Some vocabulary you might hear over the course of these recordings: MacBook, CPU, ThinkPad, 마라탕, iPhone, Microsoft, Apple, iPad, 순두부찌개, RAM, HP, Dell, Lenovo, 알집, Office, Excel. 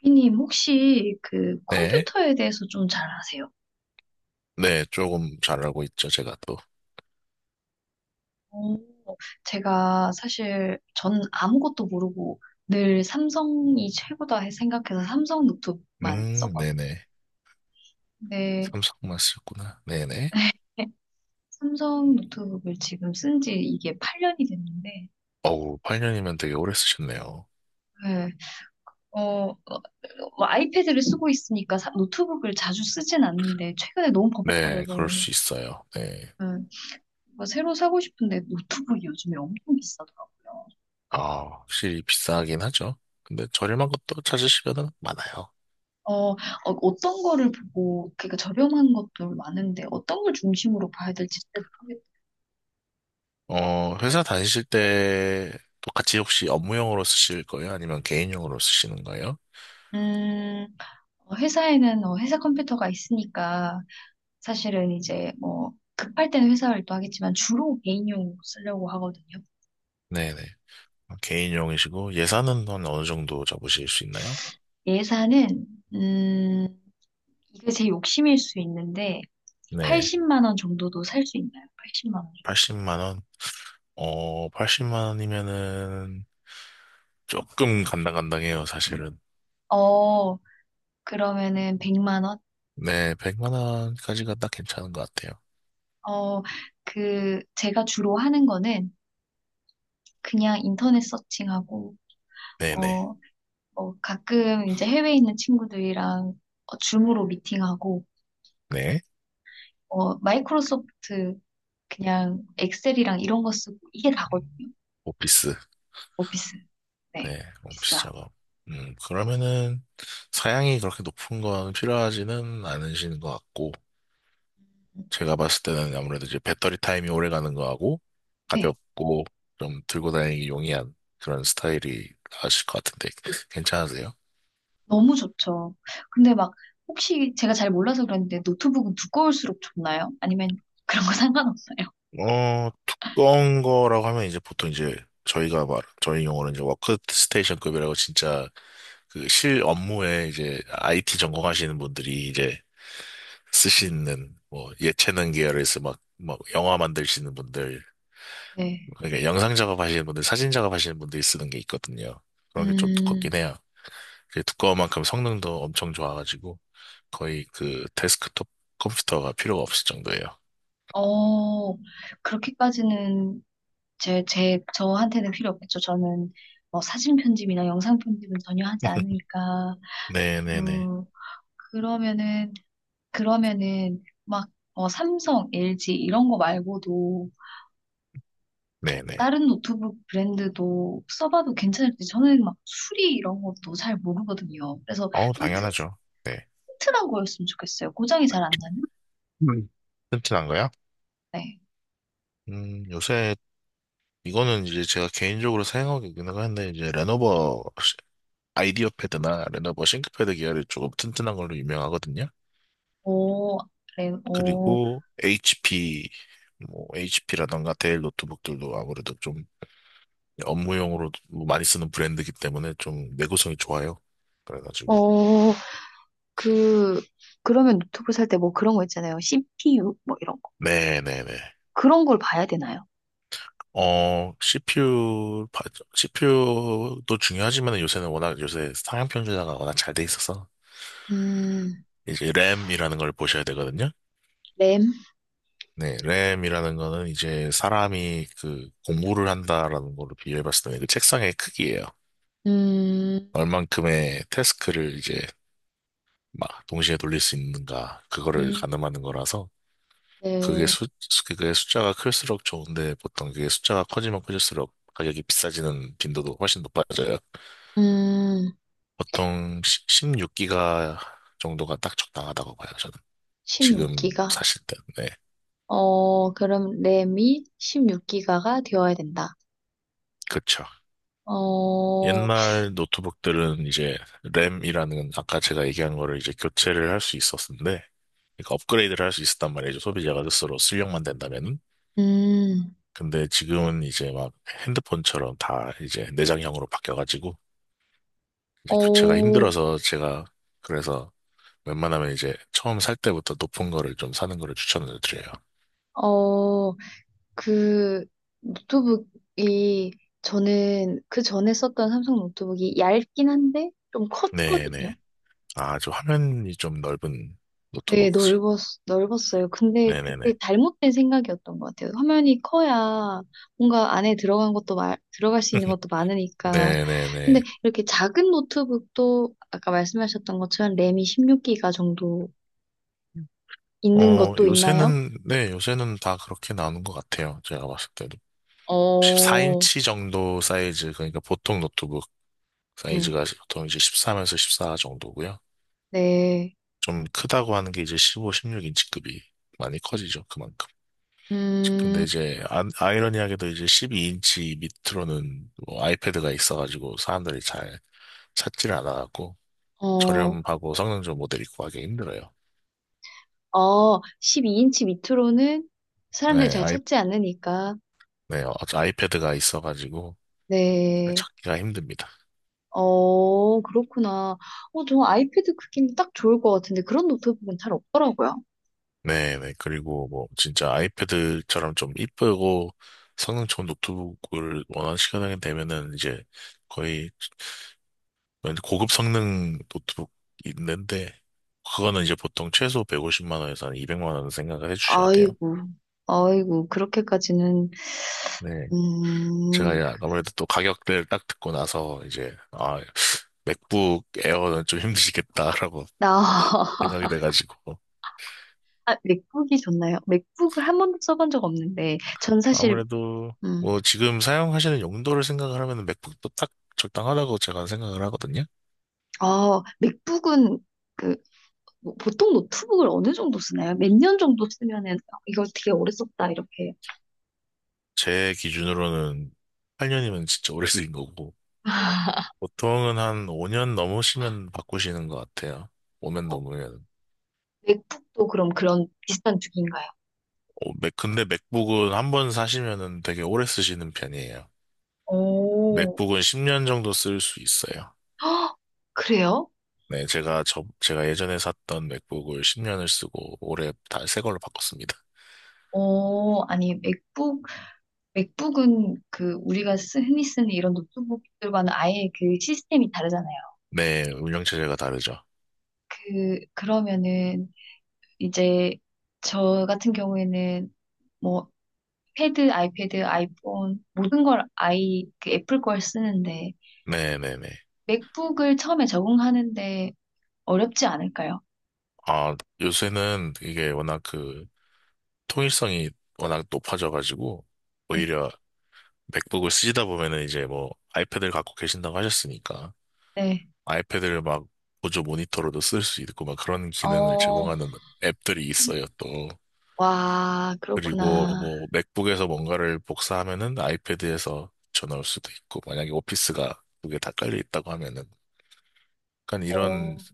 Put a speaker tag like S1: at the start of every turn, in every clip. S1: 비님, 혹시 그
S2: 네.
S1: 컴퓨터에 대해서 좀 잘 아세요?
S2: 네, 조금 잘 알고 있죠, 제가 또.
S1: 오. 제가 사실 전 아무것도 모르고 늘 삼성이 최고다 생각해서 삼성 노트북만 썼거든요.
S2: 네네.
S1: 근데
S2: 삼성만 쓰셨구나. 네네.
S1: 네, 삼성 노트북을 지금 쓴지 이게 8년이 됐는데,
S2: 어우, 8년이면 되게 오래 쓰셨네요.
S1: 네, 어, 어, 뭐 아이패드를 쓰고 있으니까 노트북을 자주 쓰진 않는데 최근에 너무
S2: 네,
S1: 버벅거려서,
S2: 그럴 수 있어요. 네.
S1: 네, 뭐 새로 사고 싶은데 노트북이 요즘에 엄청 비싸더라고요.
S2: 아, 확실히 비싸긴 하죠. 근데 저렴한 것도 찾으시면 많아요.
S1: 어, 어, 어떤 거를 보고, 그러니까 저렴한 것도 많은데, 어떤 걸 중심으로 봐야 될지 잘 모르겠어요.
S2: 회사 다니실 때 또 같이 혹시 업무용으로 쓰실 거예요? 아니면 개인용으로 쓰시는 거예요?
S1: 음, 회사에는 회사 컴퓨터가 있으니까, 사실은 이제 뭐, 급할 때는 회사 활동하겠지만, 주로 개인용 쓰려고 하거든요.
S2: 네네. 개인용이시고 예산은 한 어느 정도 잡으실 수 있나요?
S1: 예산은, 음, 이게 제 욕심일 수 있는데,
S2: 네.
S1: 80만 원 정도도 살 수 있나요? 80만 원.
S2: 80만 원. 80만 원이면은 조금 간당간당해요, 사실은.
S1: 어, 그러면은 100만 원?
S2: 네, 100만 원까지가 딱 괜찮은 것 같아요.
S1: 어, 그, 제가 주로 하는 거는 그냥 인터넷 서칭하고,
S2: 네네.
S1: 어, 뭐 가끔 이제 해외에 있는 친구들이랑 줌으로 미팅하고,
S2: 네.
S1: 마이크로소프트 그냥 엑셀이랑 이런 거 쓰고 이게
S2: 음,
S1: 다거든요.
S2: 오피스.
S1: 오피스. 네.
S2: 네, 오피스
S1: 오피스하고.
S2: 작업. 그러면은 사양이 그렇게 높은 건 필요하지는 않으신 것 같고, 제가 봤을 때는 아무래도 이제 배터리 타임이 오래 가는 거하고,
S1: 네.
S2: 가볍고, 좀 들고 다니기 용이한 그런 스타일이 나으실 것 같은데, 괜찮으세요?
S1: 너무 좋죠. 근데 막 혹시 제가 잘 몰라서 그런데 노트북은 두꺼울수록 좋나요? 아니면 그런 거 상관없어요?
S2: 어, 두꺼운 거라고 하면 이제 보통 이제 저희 용어는 이제 워크스테이션급이라고 진짜 그 실 업무에 이제 IT 전공하시는 분들이 이제 쓰시는 뭐 예체능 계열에서 막, 막 영화 만드시는 분들,
S1: 네.
S2: 그러니까 영상 작업하시는 분들, 사진 작업하시는 분들이 쓰는 게 있거든요. 그런 게 좀
S1: 음,
S2: 두껍긴 해요. 그 두꺼운 만큼 성능도 엄청 좋아가지고 거의 그 데스크톱 컴퓨터가 필요가 없을 정도예요.
S1: 어, 그렇게까지는 저한테는 필요 없겠죠. 저는 뭐 사진 편집이나 영상 편집은 전혀 하지 않으니까.
S2: 네네네.
S1: 음, 그러면은, 그러면은 막, 삼성, LG 이런 거 말고도 이렇게
S2: 네네.
S1: 다른 노트북 브랜드도 써봐도 괜찮을지, 저는 막 수리 이런 것도 잘 모르거든요. 그래서 좀
S2: 당연하죠. 네.
S1: 튼튼한 거였으면 좋겠어요. 고장이 잘 안 나는?
S2: 음. 튼튼한 거야?
S1: 네.
S2: 요새 이거는 이제 제가 개인적으로 사용하고 있는 건데 이제 아이디어 패드나 레노버 싱크패드 계열이 조금 튼튼한 걸로 유명하거든요.
S1: 오, 그래 오.
S2: 그리고 HP 뭐 HP라던가 데일 노트북들도 아무래도 좀 업무용으로 많이 쓰는 브랜드이기 때문에 좀 내구성이 좋아요. 그래가지고
S1: 어, 그, 그러면 노트북 살 때 뭐 그런 거 있잖아요. CPU, 뭐 이런
S2: 네네네.
S1: 그런 걸 봐야 되나요?
S2: CPU, CPU도 중요하지만 요새는 워낙 요새 상향 평준화가 워낙 잘 돼 있어서
S1: 음,
S2: 이제 램이라는 걸 보셔야 되거든요.
S1: 램.
S2: 네, 램이라는 거는 이제 사람이 그 공부를 한다라는 걸로 비유해 봤을 때 그 책상의 크기예요.
S1: 음,
S2: 얼만큼의 태스크를 이제 막 동시에 돌릴 수 있는가 그거를
S1: 음,
S2: 가늠하는 거라서 그게
S1: 네.
S2: 수 그게 숫자가 클수록 좋은데 보통 그게 숫자가 커지면 커질수록 가격이 비싸지는 빈도도 훨씬 높아져요.
S1: 음,
S2: 보통 16기가 정도가 딱 적당하다고 봐요, 저는. 지금
S1: 16기가.
S2: 사실 때. 네.
S1: 그럼 램이 16기가가 되어야 된다.
S2: 그렇
S1: 어,
S2: 옛날 노트북들은 이제 램이라는 아까 제가 얘기한 거를 이제 교체를 할 수 있었는데, 그러니까 업그레이드를 할 수 있었단 말이죠. 소비자가 스스로 출력만 된다면은.
S1: 음,
S2: 근데 지금은 이제 막 핸드폰처럼 다 이제 내장형으로 바뀌어가지고 이제 교체가
S1: 어,
S2: 힘들어서 제가 그래서 웬만하면 이제 처음 살 때부터 높은 거를 좀 사는 거를 추천을 드려요.
S1: 어, 그 노트북이, 저는 그 전에 썼던 삼성 노트북이 얇긴 한데 좀 컸거든요.
S2: 네네. 아, 저 화면이 좀 넓은
S1: 네,
S2: 노트북이죠.
S1: 넓었어요. 근데 그때
S2: 네네네.
S1: 잘못된 생각이었던 것 같아요. 화면이 커야 뭔가 안에 들어간 것도, 들어갈 수 있는 것도 많으니까. 근데
S2: 네네네.
S1: 이렇게 작은 노트북도 아까 말씀하셨던 것처럼 램이 16기가 정도 있는 것도 있나요?
S2: 요새는, 네, 요새는 다 그렇게 나오는 것 같아요. 제가 봤을 때도.
S1: 어,
S2: 14인치 정도 사이즈, 그러니까 보통 노트북
S1: 네.
S2: 사이즈가 보통 이제 1 4에서 14 정도고요.
S1: 네.
S2: 좀 크다고 하는 게 이제 15, 16인치급이 많이 커지죠, 그만큼. 근데
S1: 음,
S2: 이제 아이러니하게도 이제 12인치 밑으로는 뭐 아이패드가 있어가지고 사람들이 잘 찾지를 않아갖고
S1: 어,
S2: 저렴하고 성능 좋은 모델 있고 하기 힘들어요.
S1: 12인치 밑으로는 사람들이
S2: 네,
S1: 잘 찾지 않으니까.
S2: 네, 아이패드가 있어가지고 잘
S1: 네.
S2: 찾기가 힘듭니다.
S1: 어, 그렇구나. 저 아이패드 크기는 딱 좋을 것 같은데 그런 노트북은 잘 없더라고요.
S2: 네네. 그리고 뭐 진짜 아이패드처럼 좀 이쁘고 성능 좋은 노트북을 원하는 시간이 되면은 이제 거의 완전 고급 성능 노트북 있는데 그거는 이제 보통 최소 150만 원에서 한 200만 원 생각을 해주셔야 돼요.
S1: 아이고, 아이고, 그렇게까지는.
S2: 네. 제가
S1: 음,
S2: 이제
S1: 그-
S2: 아무래도 또 가격대를 딱 듣고 나서 이제 아 맥북 에어는 좀 힘드시겠다라고
S1: 나.
S2: 생각이 돼가지고
S1: 아, 맥북이 좋나요? 맥북을 한 번도 써본 적 없는데 전 사실.
S2: 아무래도
S1: 음,
S2: 뭐 지금 사용하시는 용도를 생각을 하면 맥북도 딱 적당하다고 제가 생각을 하거든요.
S1: 아, 맥북은 그 뭐, 보통 노트북을 어느 정도 쓰나요? 몇 년 정도 쓰면은 이거 되게 오래 썼다 이렇게.
S2: 제 기준으로는 8년이면 진짜 오래 쓰인 거고, 보통은 한 5년 넘으시면 바꾸시는 것 같아요. 5년
S1: 어,
S2: 넘으면.
S1: 맥북도 그럼 그런 비슷한 주기인가요?
S2: 근데 맥북은 한 번 사시면은 되게 오래 쓰시는 편이에요.
S1: 오,
S2: 맥북은 10년 정도 쓸 수 있어요.
S1: 그래요?
S2: 네, 제가 예전에 샀던 맥북을 10년을 쓰고 올해 다 새 걸로 바꿨습니다.
S1: 아니, 맥북은 그, 우리가 흔히 쓰는 이런 노트북들과는 아예 그 시스템이 다르잖아요.
S2: 네, 운영체제가 다르죠.
S1: 그, 그러면은 이제 저 같은 경우에는 뭐, 아이패드, 아이폰, 모든 걸 그 애플 걸 쓰는데,
S2: 네네네.
S1: 맥북을 처음에 적응하는데 어렵지 않을까요?
S2: 아, 요새는 이게 워낙 그 통일성이 워낙 높아져가지고
S1: 네,
S2: 오히려 맥북을 쓰시다 보면은 이제 뭐 아이패드를 갖고 계신다고 하셨으니까
S1: 네.
S2: 아이패드를 막 보조 모니터로도 쓸 수 있고 막 그런 기능을
S1: 어,
S2: 제공하는 앱들이 있어요 또
S1: 와,
S2: 그리고
S1: 그렇구나.
S2: 뭐 맥북에서 뭔가를 복사하면은 아이패드에서 전화올 수도 있고 만약에 오피스가 두 개 다 깔려 있다고 하면은 약간 이런
S1: 어,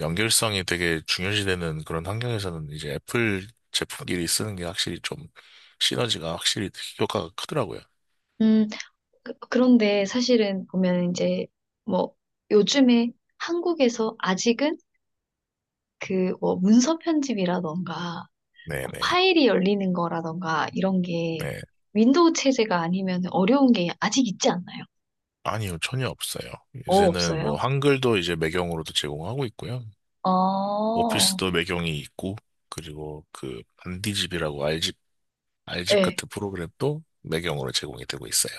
S2: 연결성이 되게 중요시되는 그런 환경에서는 이제 애플 제품끼리 쓰는 게 확실히 좀 시너지가 확실히 효과가 크더라고요.
S1: 음. 그런데 사실은 보면 이제 뭐 요즘에 한국에서 아직은 그 뭐 문서 편집이라던가
S2: 네네.
S1: 파일이 열리는 거라던가 이런 게,
S2: 네.
S1: 윈도우 체제가 아니면 어려운 게 아직 있지 않나요?
S2: 아니요, 전혀 없어요. 요새는 뭐
S1: 없어요?
S2: 한글도 이제 매경으로도 제공하고 있고요.
S1: 어,
S2: 오피스도 매경이 있고, 그리고 그 반디집이라고 알집
S1: 네.
S2: 같은 프로그램도 매경으로 제공이 되고 있어요.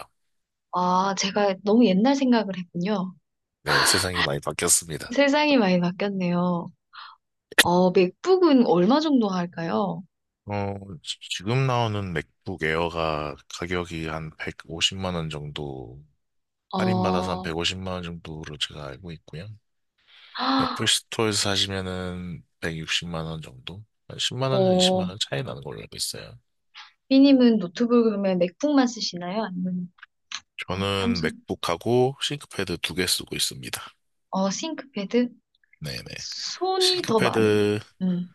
S1: 아, 제가 너무 옛날 생각을 했군요.
S2: 네, 세상이 많이 바뀌었습니다.
S1: 세상이 많이 바뀌었네요. 맥북은 얼마 정도 할까요?
S2: 어, 지금 나오는 맥북 에어가 가격이 한 150만 원 정도, 할인받아서 한
S1: 어,
S2: 150만 원 정도로 제가 알고 있고요.
S1: 아,
S2: 애플 스토어에서 사시면은 160만 원 정도? 한 10만 원, 20만
S1: 어,
S2: 원 차이 나는 걸로 알고 있어요.
S1: 삐님은 노트북 그러면 맥북만 쓰시나요? 아니면
S2: 저는
S1: 삼성.
S2: 맥북하고 싱크패드 두 개 쓰고 있습니다.
S1: 어, 싱크패드?
S2: 네네.
S1: 손이 더 많이.
S2: 싱크패드는
S1: 음,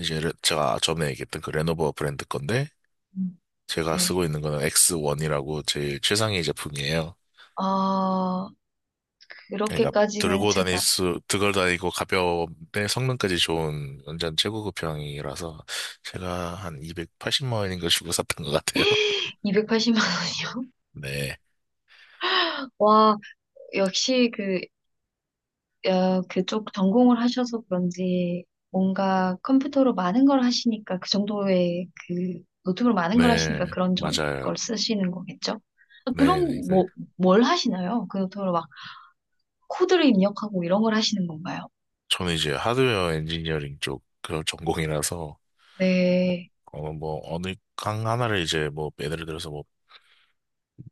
S2: 이제 제가 전에 얘기했던 그 레노버 브랜드 건데,
S1: 음,
S2: 제가
S1: 네.
S2: 쓰고 있는 거는 X1이라고 제일 최상위 제품이에요.
S1: 아,
S2: 그러니까
S1: 그렇게까지는 제가.
S2: 들고 다니고 가벼운데 성능까지 좋은 완전 최고급형이라서 제가 한 280만 원인가 주고 샀던 것 같아요.
S1: 280만 원이요?
S2: 네.
S1: 와, 역시 그, 그쪽 전공을 하셔서 그런지 뭔가 컴퓨터로 많은 걸 하시니까, 그 정도의 그 노트북으로 많은 걸 하시니까
S2: 네,
S1: 그런 걸
S2: 맞아요.
S1: 쓰시는 거겠죠? 아,
S2: 네, 네.
S1: 그럼
S2: 그,
S1: 뭐, 뭘 하시나요? 그 노트북으로 막 코드를 입력하고 이런 걸 하시는 건가요?
S2: 저는 이제 하드웨어 엔지니어링 쪽 그 전공이라서,
S1: 네.
S2: 뭐, 어느 강 하나를 이제 뭐, 예를 들어서 뭐,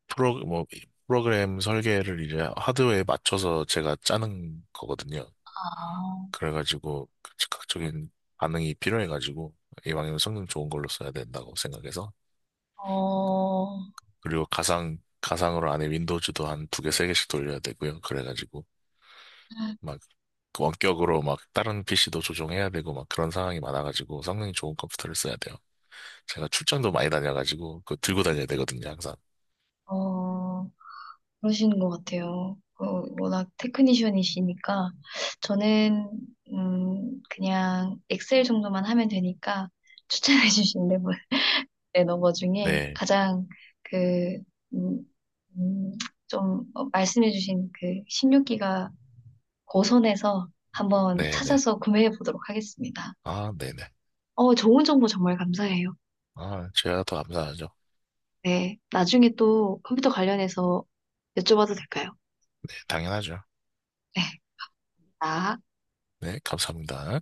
S2: 프로, 뭐, 프로그램 설계를 이제 하드웨어에 맞춰서 제가 짜는 거거든요.
S1: 아,
S2: 그래가지고, 그 즉각적인 반응이 필요해가지고, 이왕이면 성능 좋은 걸로 써야 된다고 생각해서,
S1: 어,
S2: 그리고 가상으로 안에 윈도우즈도 한 두 개, 세 개씩 돌려야 되고요. 그래가지고, 막 원격으로 막 다른 PC도 조종해야 되고 막 그런 상황이 많아가지고 성능이 좋은 컴퓨터를 써야 돼요. 제가 출장도 많이 다녀가지고 그거 들고 다녀야 되거든요, 항상.
S1: 어, 그러시는 것 같아요. 워낙 테크니션이시니까. 저는 그냥 엑셀 정도만 하면 되니까 추천해 주신 레너버 중에
S2: 네,
S1: 가장 그, 음, 음, 좀 말씀해 주신 그 16기가 고선에서 한번
S2: 네, 네.
S1: 찾아서 구매해 보도록 하겠습니다.
S2: 아, 네네.
S1: 좋은 정보 정말 감사해요.
S2: 아, 제가 더 감사하죠.
S1: 네, 나중에 또 컴퓨터 관련해서 여쭤봐도 될까요?
S2: 네, 당연하죠.
S1: 네. 아.
S2: 네, 감사합니다.